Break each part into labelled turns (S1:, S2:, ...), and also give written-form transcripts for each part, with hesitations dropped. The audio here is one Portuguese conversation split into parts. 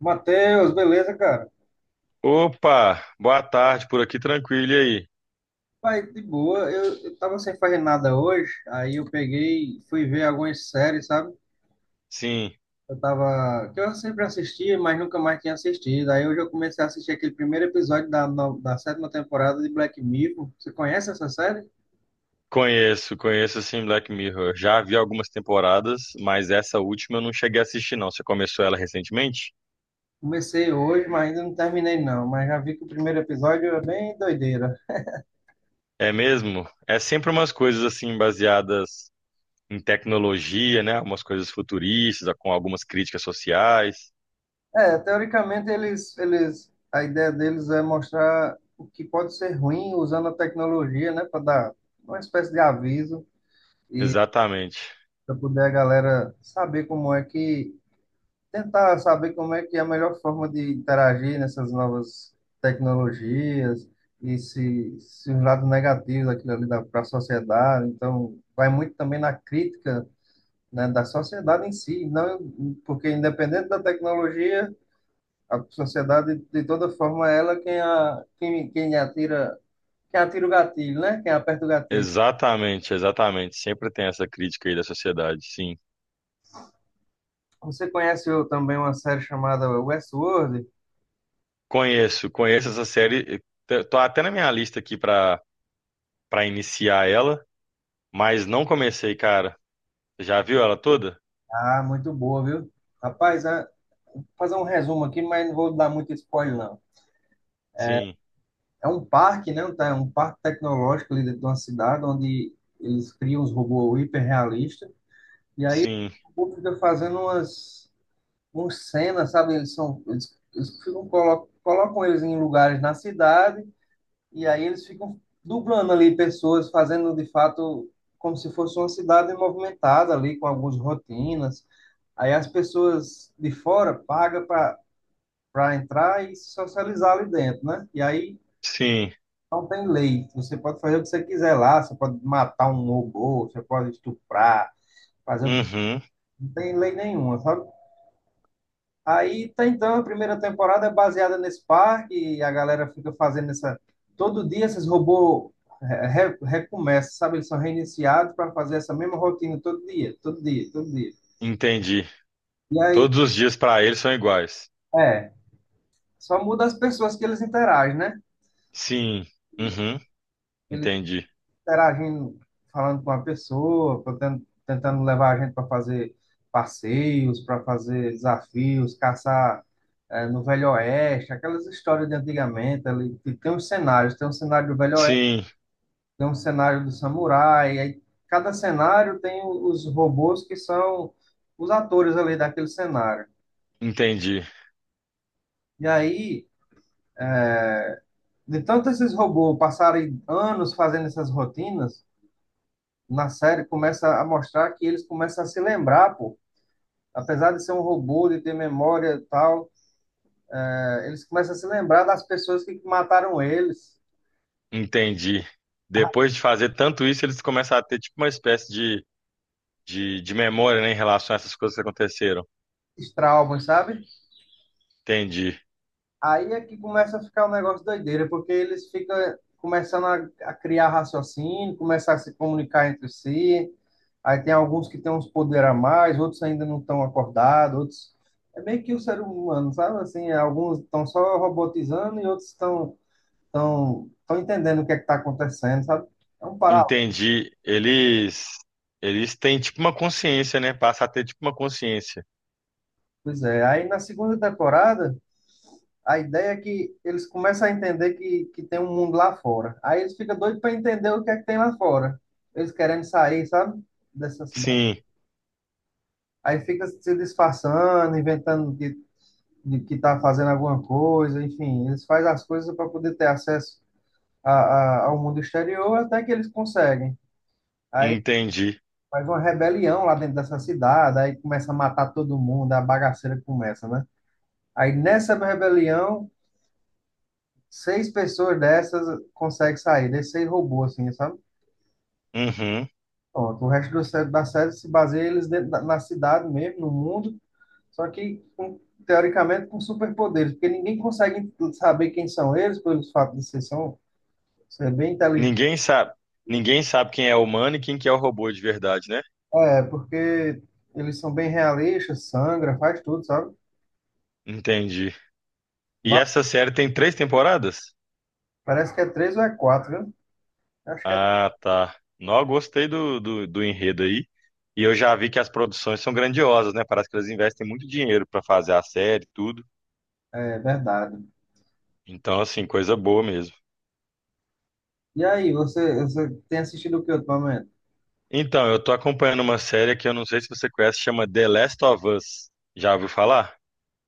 S1: Matheus, beleza, cara?
S2: Opa, boa tarde, por aqui tranquilo, e aí?
S1: Pai, de boa. Eu tava sem fazer nada hoje, aí eu peguei, fui ver algumas séries, sabe?
S2: Sim,
S1: Eu tava, que eu sempre assistia, mas nunca mais tinha assistido. Aí hoje eu comecei a assistir aquele primeiro episódio da, no- da sétima temporada de Black Mirror. Você conhece essa série?
S2: conheço, conheço sim Black Mirror. Já vi algumas temporadas, mas essa última eu não cheguei a assistir não. Você começou ela recentemente?
S1: Comecei hoje, mas ainda não terminei não, mas já vi que o primeiro episódio é bem doideira.
S2: É mesmo? É sempre umas coisas assim baseadas em tecnologia, né? Umas coisas futuristas, com algumas críticas sociais.
S1: É, teoricamente eles, a ideia deles é mostrar o que pode ser ruim usando a tecnologia, né, para dar uma espécie de aviso. E
S2: Exatamente.
S1: para poder a galera saber como é que tentar saber como é que é a melhor forma de interagir nessas novas tecnologias e se os lados negativos daquilo ali para a sociedade. Então, vai muito também na crítica, né, da sociedade em si, não porque independente da tecnologia, a sociedade de toda forma é ela quem a, quem, quem atira o gatilho, né? Quem aperta o gatilho.
S2: Exatamente, exatamente. Sempre tem essa crítica aí da sociedade, sim.
S1: Você conhece eu, também uma série chamada Westworld.
S2: Conheço, conheço essa série. Tô até na minha lista aqui pra para iniciar ela. Mas não comecei, cara. Já viu ela toda?
S1: Ah, muito boa, viu? Rapaz, vou fazer um resumo aqui, mas não vou dar muito spoiler, não.
S2: Sim,
S1: É um parque, né? Tá? É um parque tecnológico ali dentro de uma cidade, onde eles criam os robôs hiperrealistas. E aí
S2: sim,
S1: o povo fica fazendo umas cenas, sabe? Eles são, colocam eles em lugares na cidade, e aí eles ficam dublando ali pessoas, fazendo de fato como se fosse uma cidade movimentada ali, com algumas rotinas. Aí as pessoas de fora pagam para entrar e se socializar ali dentro, né? E aí
S2: sim.
S1: não tem lei. Você pode fazer o que você quiser lá, você pode matar um robô, você pode estuprar, fazer o que.
S2: Uhum,
S1: Não tem lei nenhuma, sabe? Aí tá, então a primeira temporada é baseada nesse parque e a galera fica fazendo essa, todo dia esses robôs recomeçam, sabe? Eles são reiniciados para fazer essa mesma rotina todo dia, todo dia, todo dia.
S2: entendi.
S1: E aí,
S2: Todos os dias pra ele são iguais.
S1: é, só muda as pessoas que eles interagem, né?
S2: Sim, uhum,
S1: Ele
S2: entendi.
S1: interagindo, falando com a pessoa, tentando levar a gente para fazer passeios, para fazer desafios, caçar no Velho Oeste, aquelas histórias de antigamente, ali, que tem uns cenários, tem um cenário do Velho Oeste,
S2: Sim,
S1: tem um cenário do samurai, aí cada cenário tem os robôs que são os atores ali daquele cenário.
S2: entendi,
S1: E aí, de tanto esses robôs passarem anos fazendo essas rotinas, na série começa a mostrar que eles começam a se lembrar, pô, apesar de ser um robô, de ter memória e tal, eles começam a se lembrar das pessoas que mataram eles,
S2: entendi. Depois de fazer tanto isso, eles começam a ter tipo uma espécie de, memória, né, em relação a essas coisas que aconteceram.
S1: esses traumas, sabe?
S2: Entendi,
S1: Aí é que começa a ficar um negócio doideira, porque eles ficam começando a criar raciocínio, começam a se comunicar entre si. Aí tem alguns que têm uns poderes a mais, outros ainda não estão acordados, outros. É meio que o ser humano, sabe? Assim, alguns estão só robotizando e outros estão entendendo o que é que está acontecendo, sabe? É um paralelo.
S2: entendi. eles têm tipo uma consciência, né? Passa a ter tipo uma consciência.
S1: Pois é. Aí na segunda temporada, a ideia é que eles começam a entender que tem um mundo lá fora. Aí eles ficam doidos para entender o que é que tem lá fora. Eles querendo sair, sabe? Dessa cidade.
S2: Sim,
S1: Aí fica se disfarçando, inventando de que tá fazendo alguma coisa, enfim. Eles fazem as coisas para poder ter acesso a, ao mundo exterior até que eles conseguem. Aí
S2: entendi.
S1: faz uma rebelião lá dentro dessa cidade, aí começa a matar todo mundo, a bagaceira começa, né? Aí nessa rebelião, seis pessoas dessas conseguem sair, desses seis robôs, assim, sabe?
S2: Uhum.
S1: Pronto, o resto da série se baseia eles dentro na cidade mesmo, no mundo, só que, com, teoricamente, com superpoderes, porque ninguém consegue saber quem são eles, pelo fato de ser, bem inteligentes.
S2: Ninguém sabe, ninguém sabe quem é o humano e quem que é o robô de verdade, né?
S1: É, porque eles são bem realistas, sangra, faz tudo, sabe?
S2: Entendi. E
S1: Va-
S2: essa série tem três temporadas?
S1: Parece que é três ou é quatro, viu? Acho que é.
S2: Ah, tá. Não, gostei do enredo aí. E eu já vi que as produções são grandiosas, né? Parece que elas investem muito dinheiro pra fazer a série e tudo.
S1: É verdade.
S2: Então, assim, coisa boa mesmo.
S1: E aí, você tem assistido o que ultimamente?
S2: Então, eu tô acompanhando uma série que eu não sei se você conhece, chama The Last of Us. Já ouviu falar?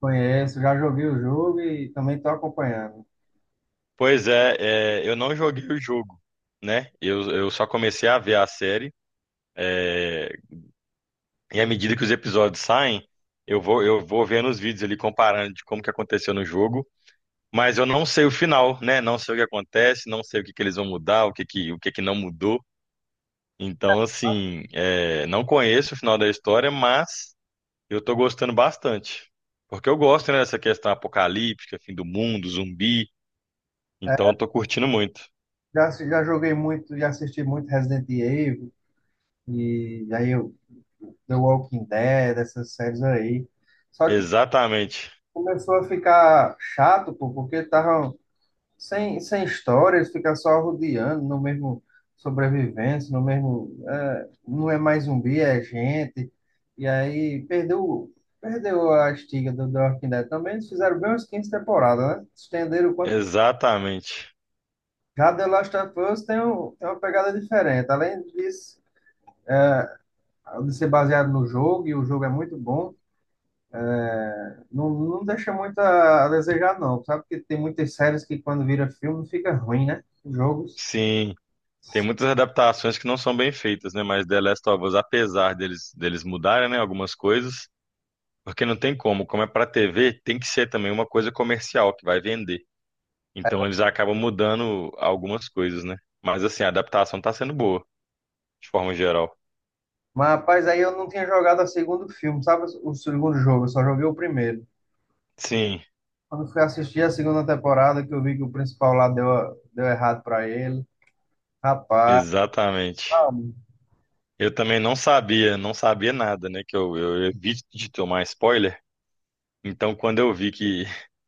S1: Conheço, já joguei o jogo e também estou acompanhando.
S2: Pois é, eu não joguei o jogo, né? Eu só comecei a ver a série. é, E à medida que os episódios saem, eu vou vendo os vídeos ali comparando de como que aconteceu no jogo, mas eu não sei o final, né? Não sei o que acontece, não sei o que que eles vão mudar, o que que não mudou. Então, assim, é, não conheço o final da história, mas eu tô gostando bastante. Porque eu gosto, né, dessa questão apocalíptica, fim do mundo, zumbi. Então, eu tô curtindo muito.
S1: Já joguei muito, já assisti muito Resident Evil e aí eu, The Walking Dead, essas séries aí. Só que
S2: Exatamente.
S1: começou a ficar chato, pô, porque tava sem história, eles ficam só rodeando no mesmo, sobrevivência, no mesmo. É, não é mais zumbi, é gente. E aí perdeu a estiga do The Walking Dead também. Eles fizeram bem umas 15 temporadas, né? Estenderam o quanto.
S2: Exatamente.
S1: Já The Last of Us tem uma pegada diferente. Além disso, de ser baseado no jogo, e o jogo é muito bom, não, não deixa muito a desejar, não. Sabe que tem muitas séries que quando vira filme fica ruim, né? Os Jogos.
S2: Sim. Tem muitas adaptações que não são bem feitas, né? Mas The Last of Us, apesar deles, mudarem, né, algumas coisas, porque não tem como, como é pra TV, tem que ser também uma coisa comercial que vai vender. Então eles acabam mudando algumas coisas, né? Mas assim, a adaptação tá sendo boa, de forma geral.
S1: Mas, rapaz, aí eu não tinha jogado o segundo filme, sabe? O segundo jogo, eu só joguei o primeiro.
S2: Sim,
S1: Quando fui assistir a segunda temporada, que eu vi que o principal lá deu errado pra ele. Rapaz,
S2: exatamente.
S1: ah,
S2: Eu também não sabia, não sabia nada, né? Que eu evito de tomar spoiler. Então, quando eu vi que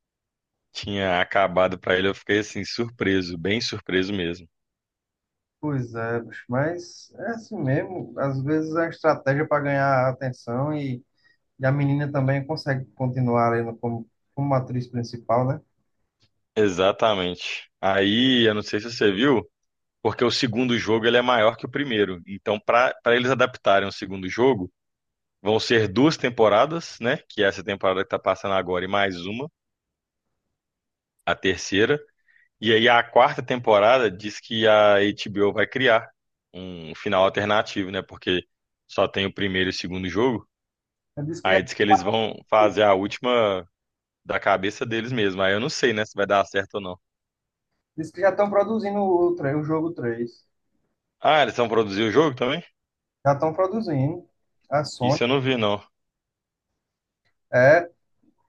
S2: tinha acabado pra ele, eu fiquei assim, surpreso, bem surpreso mesmo.
S1: pois é, bicho, mas é assim mesmo. Às vezes é uma estratégia para ganhar atenção e a menina também consegue continuar ali no- como atriz principal, né?
S2: Exatamente. Aí, eu não sei se você viu, porque o segundo jogo ele é maior que o primeiro. Então, para eles adaptarem o segundo jogo, vão ser duas temporadas, né? Que é essa temporada que está passando agora e mais uma, a terceira. E aí a quarta temporada diz que a HBO vai criar um final alternativo, né? Porque só tem o primeiro e o segundo jogo.
S1: Então, Diz que já,
S2: Aí diz que eles vão fazer a última da cabeça deles mesmo. Aí eu não sei, né, se vai dar certo ou não.
S1: diz que já estão produzindo o jogo três.
S2: Ah, eles vão produzir o jogo também?
S1: Já estão produzindo. A Sony.
S2: Isso eu não vi, não.
S1: É.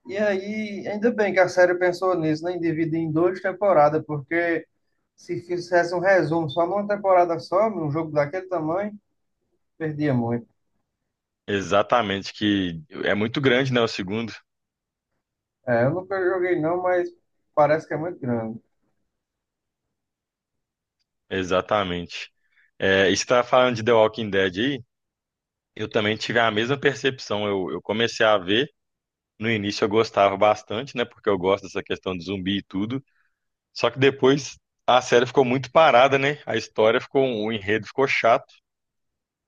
S1: E aí, ainda bem que a série pensou nisso, né? Em dividir em duas temporadas, porque se fizesse um resumo só numa temporada só, num jogo daquele tamanho, perdia muito.
S2: Exatamente, que é muito grande, né? O segundo.
S1: É, eu nunca joguei não, mas parece que é muito grande.
S2: Exatamente. É, e você tá falando de The Walking Dead aí? Eu também tive a mesma percepção. eu, comecei a ver, no início eu gostava bastante, né? Porque eu gosto dessa questão de zumbi e tudo. Só que depois a série ficou muito parada, né? A história ficou, o enredo ficou chato.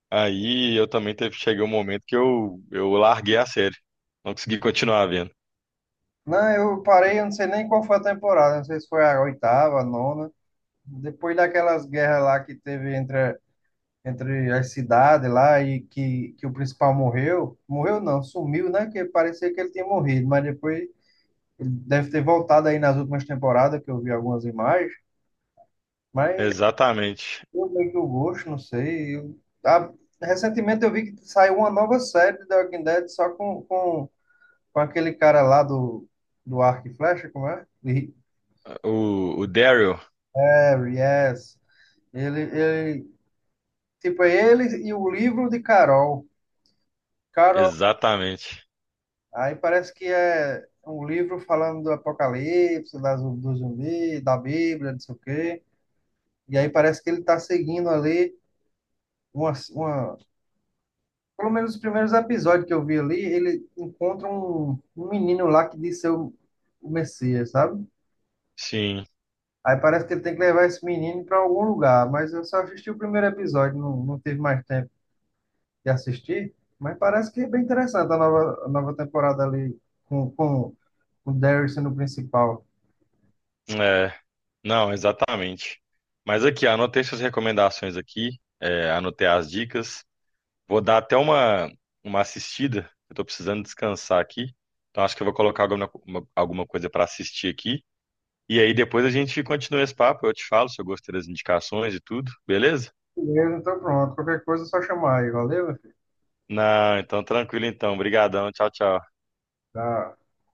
S2: Aí eu também teve, cheguei um momento que eu, larguei a série. Não consegui continuar vendo.
S1: Não, eu parei, eu não sei nem qual foi a temporada, não sei se foi a oitava, a nona. Depois daquelas guerras lá que teve entre as cidades lá e que o principal morreu. Morreu não, sumiu, né? Que parecia que ele tinha morrido, mas depois ele deve ter voltado aí nas últimas temporadas, que eu vi algumas imagens, mas
S2: Exatamente.
S1: eu meio que eu gosto, não sei. Ah, Recentemente eu vi que saiu uma nova série de The Walking Dead só com aquele cara lá do Arco e Flecha, como é?
S2: o Daryl,
S1: É, Yes. Ele, tipo, é ele e o livro de Carol.
S2: exatamente.
S1: Aí parece que é um livro falando do Apocalipse, do zumbi, da Bíblia, não sei o quê. E aí parece que ele está seguindo ali uma. Pelo menos os primeiros episódios que eu vi ali, ele encontra um menino lá que diz ser o Messias, sabe?
S2: Sim.
S1: Aí parece que ele tem que levar esse menino para algum lugar, mas eu só assisti o primeiro episódio, não, não tive mais tempo de assistir. Mas parece que é bem interessante a nova temporada ali com, com, com o Darius sendo o principal.
S2: É, não, exatamente. Mas aqui, anotei suas recomendações aqui, é, anotei as dicas. Vou dar até uma assistida. Eu tô precisando descansar aqui. Então acho que eu vou colocar alguma, alguma coisa para assistir aqui. E aí depois a gente continua esse papo. Eu te falo se eu gostei das indicações e tudo, beleza?
S1: Beleza, então pronto. Qualquer coisa é só chamar aí. Valeu, meu filho.
S2: Não, então tranquilo então. Obrigadão. Tchau, tchau.
S1: Tá.